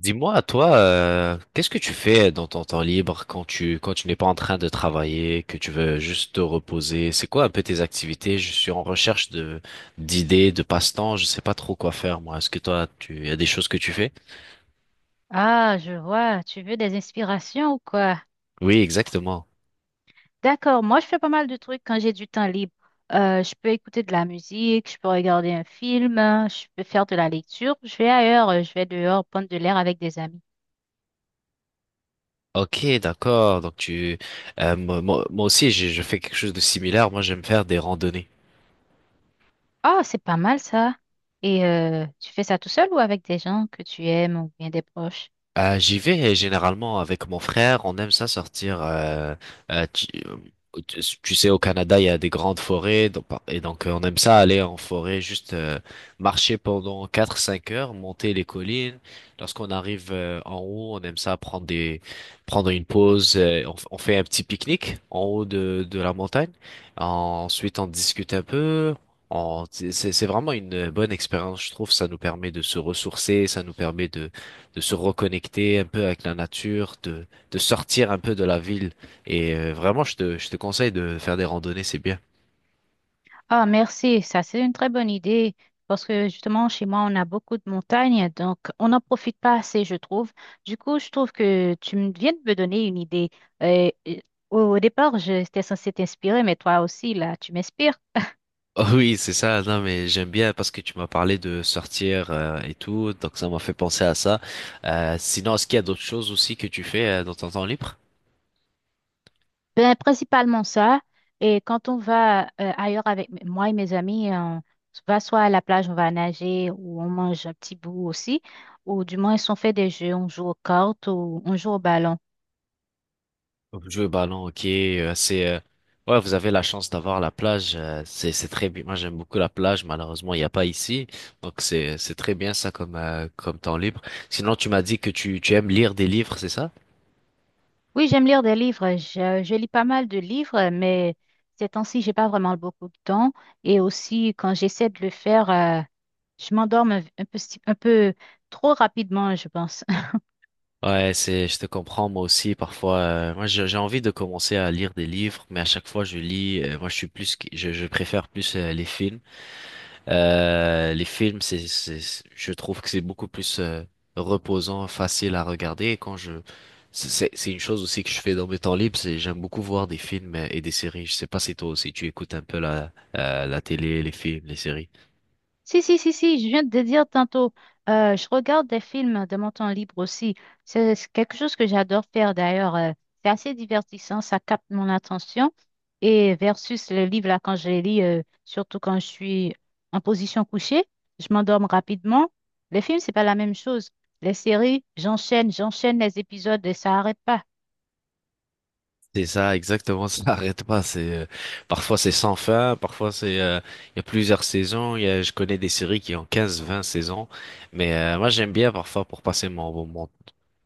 Dis-moi, toi, qu'est-ce que tu fais dans ton temps libre quand tu n'es pas en train de travailler, que tu veux juste te reposer? C'est quoi un peu tes activités? Je suis en recherche de d'idées, de passe-temps. Je sais pas trop quoi faire, moi. Est-ce que toi, tu y a des choses que tu fais? Ah, je vois. Tu veux des inspirations ou quoi? Oui, exactement. D'accord. Moi, je fais pas mal de trucs quand j'ai du temps libre. Je peux écouter de la musique, je peux regarder un film, hein, je peux faire de la lecture. Je vais ailleurs, je vais dehors prendre de l'air avec des amis. Ok, d'accord. Donc tu, moi, moi moi aussi, je fais quelque chose de similaire. Moi, j'aime faire des randonnées. Ah, c'est pas mal ça. Et tu fais ça tout seul ou avec des gens que tu aimes ou bien des proches? J'y vais généralement avec mon frère. On aime ça sortir. Euh, tu, euh, tu sais, au Canada, il y a des grandes forêts. Et donc on aime ça aller en forêt, juste marcher pendant 4-5 heures, monter les collines. Lorsqu'on arrive en haut, on aime ça prendre une pause. On fait un petit pique-nique en haut de la montagne. Ensuite, on discute un peu. C'est vraiment une bonne expérience, je trouve. Ça nous permet de se ressourcer, ça nous permet de se reconnecter un peu avec la nature, de sortir un peu de la ville. Et vraiment, je te conseille de faire des randonnées, c'est bien. Ah, merci. Ça, c'est une très bonne idée parce que justement, chez moi, on a beaucoup de montagnes, donc on n'en profite pas assez, je trouve. Du coup, je trouve que viens de me donner une idée. Euh, euh, au départ, j'étais censée t'inspirer, mais toi aussi, là, tu m'inspires. Oh oui, c'est ça. Non, mais j'aime bien parce que tu m'as parlé de sortir et tout, donc ça m'a fait penser à ça. Sinon, est-ce qu'il y a d'autres choses aussi que tu fais dans ton temps libre? Ben, principalement ça. Et quand on va ailleurs avec moi et mes amis, on va soit à la plage, on va nager ou on mange un petit bout aussi. Ou du moins, si on fait des jeux, on joue aux cartes ou on joue au ballon. Jouer au ballon, ok, c'est ouais, vous avez la chance d'avoir la plage, c'est très bien. Moi, j'aime beaucoup la plage, malheureusement, il n'y a pas ici. Donc c'est très bien ça comme comme temps libre. Sinon, tu m'as dit que tu aimes lire des livres, c'est ça? Oui, j'aime lire des livres. Je lis pas mal de livres, mais ces temps-ci, j'ai pas vraiment beaucoup de temps. Et aussi, quand j'essaie de le faire, je m'endorme un peu, un peu trop rapidement, je pense. Ouais, c'est je te comprends, moi aussi parfois moi j'ai envie de commencer à lire des livres, mais à chaque fois je lis moi je suis plus qui- je préfère plus les films. Les films, je trouve que c'est beaucoup plus reposant, facile à regarder. Et quand je, c'est une chose aussi que je fais dans mes temps libres, c'est j'aime beaucoup voir des films et des séries. Je sais pas si toi aussi tu écoutes un peu la télé, les films, les séries. Si, si, si, si, je viens de te dire tantôt, je regarde des films de mon temps libre aussi. C'est quelque chose que j'adore faire d'ailleurs. C'est assez divertissant, ça capte mon attention. Et versus le livre, là, quand je les lis, surtout quand je suis en position couchée, je m'endorme rapidement. Les films, c'est pas la même chose. Les séries, j'enchaîne, j'enchaîne les épisodes et ça arrête pas. C'est ça, exactement, ça n'arrête pas. C'est Parfois c'est sans fin, parfois c'est il y a plusieurs saisons. Je connais des séries qui ont 15, 20 saisons, mais moi j'aime bien parfois pour passer mon, mon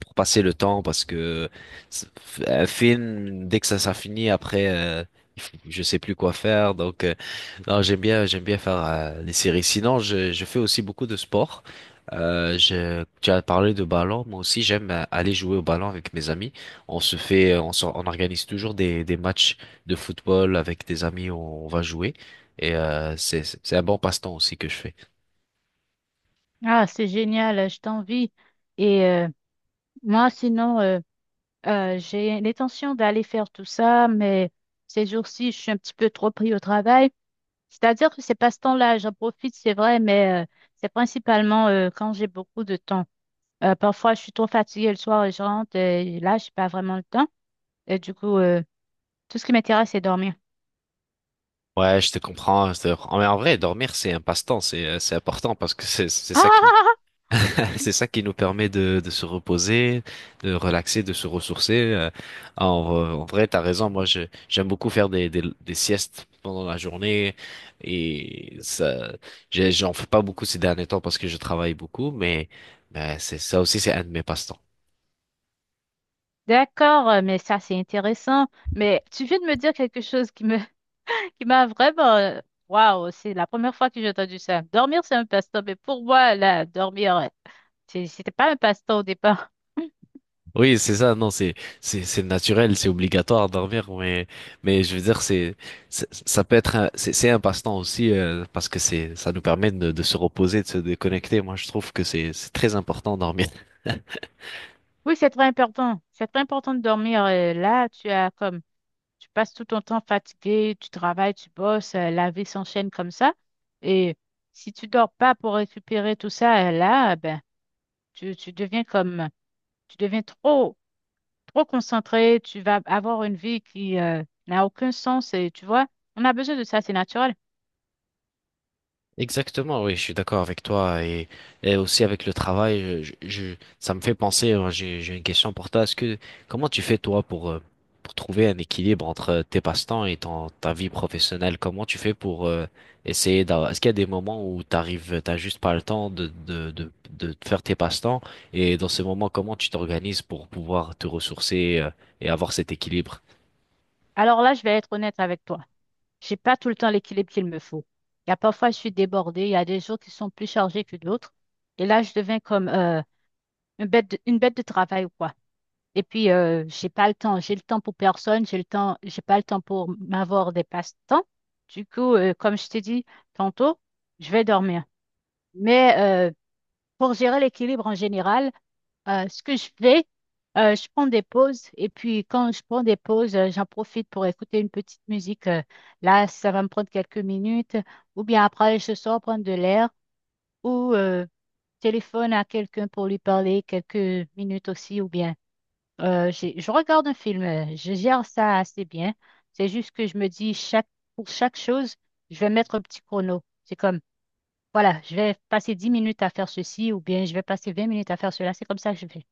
pour passer le temps parce que c'est- un film, dès que ça finit, après, je sais plus quoi faire. Donc, non, j'aime bien faire les séries. Sinon, je fais aussi beaucoup de sport. Tu as parlé de ballon, moi aussi j'aime aller jouer au ballon avec mes amis. On se fait, on, s'or- On organise toujours des matchs de football avec des amis, on va jouer et c'est un bon passe-temps aussi que je fais. Ah, c'est génial, je t'envie. Et moi, sinon, j'ai l'intention d'aller faire tout ça, mais ces jours-ci, je suis un petit peu trop pris au travail. C'est-à-dire que ces passe-temps-là, j'en profite, c'est vrai, mais c'est principalement quand j'ai beaucoup de temps. Parfois, je suis trop fatiguée le soir et je rentre, et là, je n'ai pas vraiment le temps. Et du coup, tout ce qui m'intéresse, c'est dormir. Ouais, je te comprends. Je te comprends. Mais en vrai, dormir, c'est un passe-temps, c'est important parce que c'est ça qui Ah, c'est ça qui nous permet de se reposer, de relaxer, de se ressourcer. Ah, en vrai, en vrai, t'as raison. Moi, je J'aime beaucoup faire des siestes pendant la journée et ça, j'en fais pas beaucoup ces derniers temps parce que je travaille beaucoup, mais c'est ça aussi, c'est un de mes passe-temps. d'accord, mais ça, c'est intéressant. Mais tu viens de me dire quelque chose qui qui m'a vraiment... Waouh, c'est la première fois que j'ai entendu ça. Dormir, c'est un passe-temps, mais pour moi, là, dormir... C'était pas un passe-temps au départ. Oui, c'est ça, non, c'est naturel, c'est obligatoire de dormir, mais je veux dire, c'est- ça peut être un, c'est un passe-temps aussi, parce que ça nous permet de se reposer, de se déconnecter. Moi, je trouve que c'est très important de dormir. Oui, c'est très important. C'est très important de dormir. Là, tu as comme tu passes tout ton temps fatigué, tu travailles, tu bosses, la vie s'enchaîne comme ça. Et si tu dors pas pour récupérer tout ça, là, ben, tu deviens comme tu deviens trop concentré. Tu vas avoir une vie qui n'a aucun sens. Et tu vois, on a besoin de ça, c'est naturel. Exactement, oui, je suis d'accord avec toi et aussi avec le travail, ça me fait penser, j'ai une question pour toi. Comment tu fais toi pour trouver un équilibre entre tes passe-temps et ta vie professionnelle? Comment tu fais pour essayer d'avoir, est-ce qu'il y a des moments où t'arrives, t'as juste pas le temps de faire tes passe-temps et dans ces moments, comment tu t'organises pour pouvoir te ressourcer et avoir cet équilibre? Alors là, je vais être honnête avec toi. J'ai pas tout le temps l'équilibre qu'il me faut. Il y a parfois, je suis débordée. Il y a des jours qui sont plus chargés que d'autres. Et là, je deviens comme une une bête de travail ou quoi. Et puis, j'ai pas le temps. J'ai le temps pour personne. J'ai le temps. J'ai pas le temps pour m'avoir des passe-temps. Du coup, comme je t'ai dit tantôt, je vais dormir. Mais pour gérer l'équilibre en général, ce que je fais, je prends des pauses et puis quand je prends des pauses, j'en profite pour écouter une petite musique. Là, ça va me prendre quelques minutes ou bien après, je sors prendre de l'air ou téléphone à quelqu'un pour lui parler quelques minutes aussi ou bien je regarde un film. Je gère ça assez bien. C'est juste que je me dis pour chaque chose, je vais mettre un petit chrono. C'est comme voilà, je vais passer 10 minutes à faire ceci ou bien je vais passer 20 minutes à faire cela. C'est comme ça que je fais.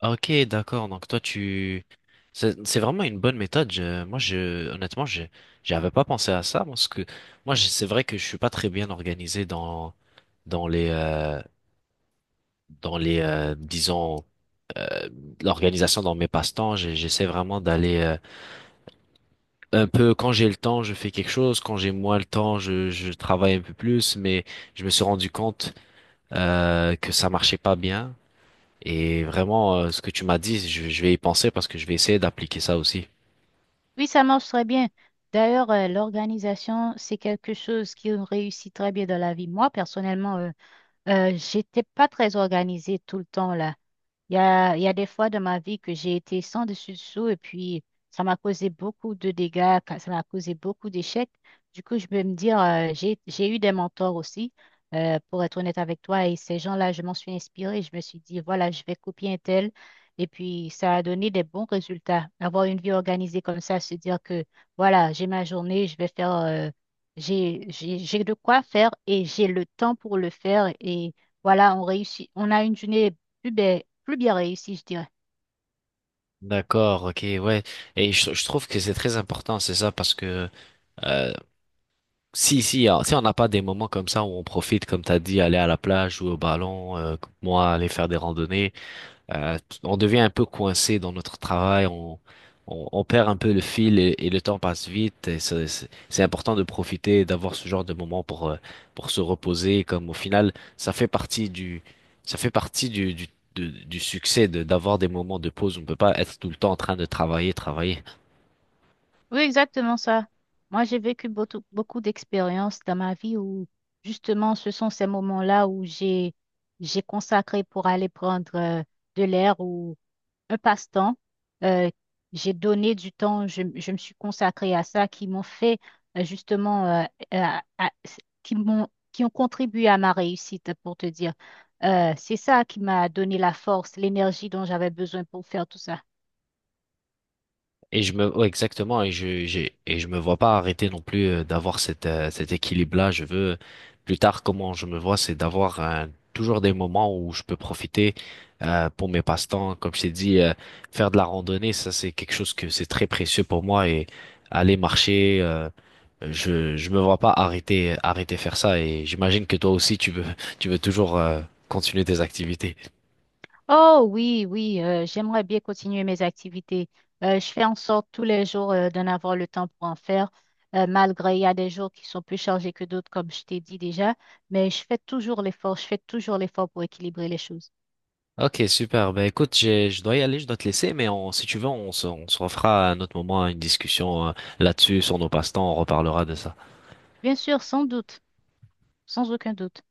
Ah, ok, d'accord. Donc toi, tu... C'est vraiment une bonne méthode. Honnêtement, j'avais pas pensé à ça parce que c'est vrai que je suis pas très bien organisé dans dans les euh, les disons euh, l'organisation dans mes passe-temps. J'essaie vraiment d'aller un peu quand j'ai le temps, je fais quelque chose. Quand j'ai moins le temps, je travaille un peu plus. Mais je me suis rendu compte que ça marchait pas bien. Et vraiment, ce que tu m'as dit, je vais y penser parce que je vais essayer d'appliquer ça aussi. Oui, ça marche très bien. D'ailleurs, l'organisation, c'est quelque chose qui réussit très bien dans la vie. Moi, personnellement, j'étais pas très organisée tout le temps là. Il y a des fois dans ma vie que j'ai été sans dessus dessous et puis ça m'a causé beaucoup de dégâts, ça m'a causé beaucoup d'échecs. Du coup, je peux me dire, j'ai eu des mentors aussi, pour être honnête avec toi, et ces gens-là, je m'en suis inspirée. Je me suis dit, voilà, je vais copier un tel. Et puis, ça a donné des bons résultats. Avoir une vie organisée comme ça, se dire que, voilà, j'ai ma journée, je vais faire, j'ai de quoi faire et j'ai le temps pour le faire. Et voilà, on réussit, on a une journée plus bien réussi, je dirais. D'accord, ok, ouais. Et je trouve que c'est très important, c'est ça, parce que euh, si on n'a pas des moments comme ça où on profite, comme t'as dit, aller à la plage, jouer au ballon, moi aller faire des randonnées, on devient un peu coincé dans notre travail, on perd un peu le fil et le temps passe vite. C'est important de profiter, d'avoir ce genre de moment pour se reposer, comme au final, ça fait partie du succès d'avoir des moments de pause. On ne peut pas être tout le temps en train de travailler, travailler. Oui, exactement ça. Moi, j'ai vécu beaucoup d'expériences dans ma vie où, justement, ce sont ces moments-là j'ai consacré pour aller prendre de l'air ou un passe-temps. Euh, j'ai donné du temps, je me suis consacrée à ça, qui m'ont fait euh, justement, euh, à- à- qui m'ont, qui ont contribué à ma réussite, pour te dire. C'est ça qui m'a donné la force, l'énergie dont j'avais besoin pour faire tout ça. Ouais, exactement, et je me vois pas arrêter non plus d'avoir cet équilibre-là. Plus tard, comment je me vois, c'est d'avoir toujours des moments où je peux profiter pour mes passe-temps. Comme je t'ai dit, faire de la randonnée, ça, c'est quelque chose que c'est très précieux pour moi et aller marcher, je me vois pas arrêter faire ça. Et j'imagine que toi aussi, tu veux, tu veux toujours continuer tes activités. Oh oui, oui, j'aimerais bien continuer mes activités. Je fais en sorte tous les jours d'en avoir le temps pour en faire, malgré il y a des jours qui sont plus chargés que d'autres, comme je t'ai dit déjà, mais je fais toujours l'effort, je fais toujours l'effort pour équilibrer les choses. Ok, super. Ben écoute, je dois y aller, je dois te laisser, mais si tu veux, on se refera à un autre moment une discussion là-dessus sur nos passe-temps, on reparlera de ça. Bien sûr, sans doute, sans aucun doute.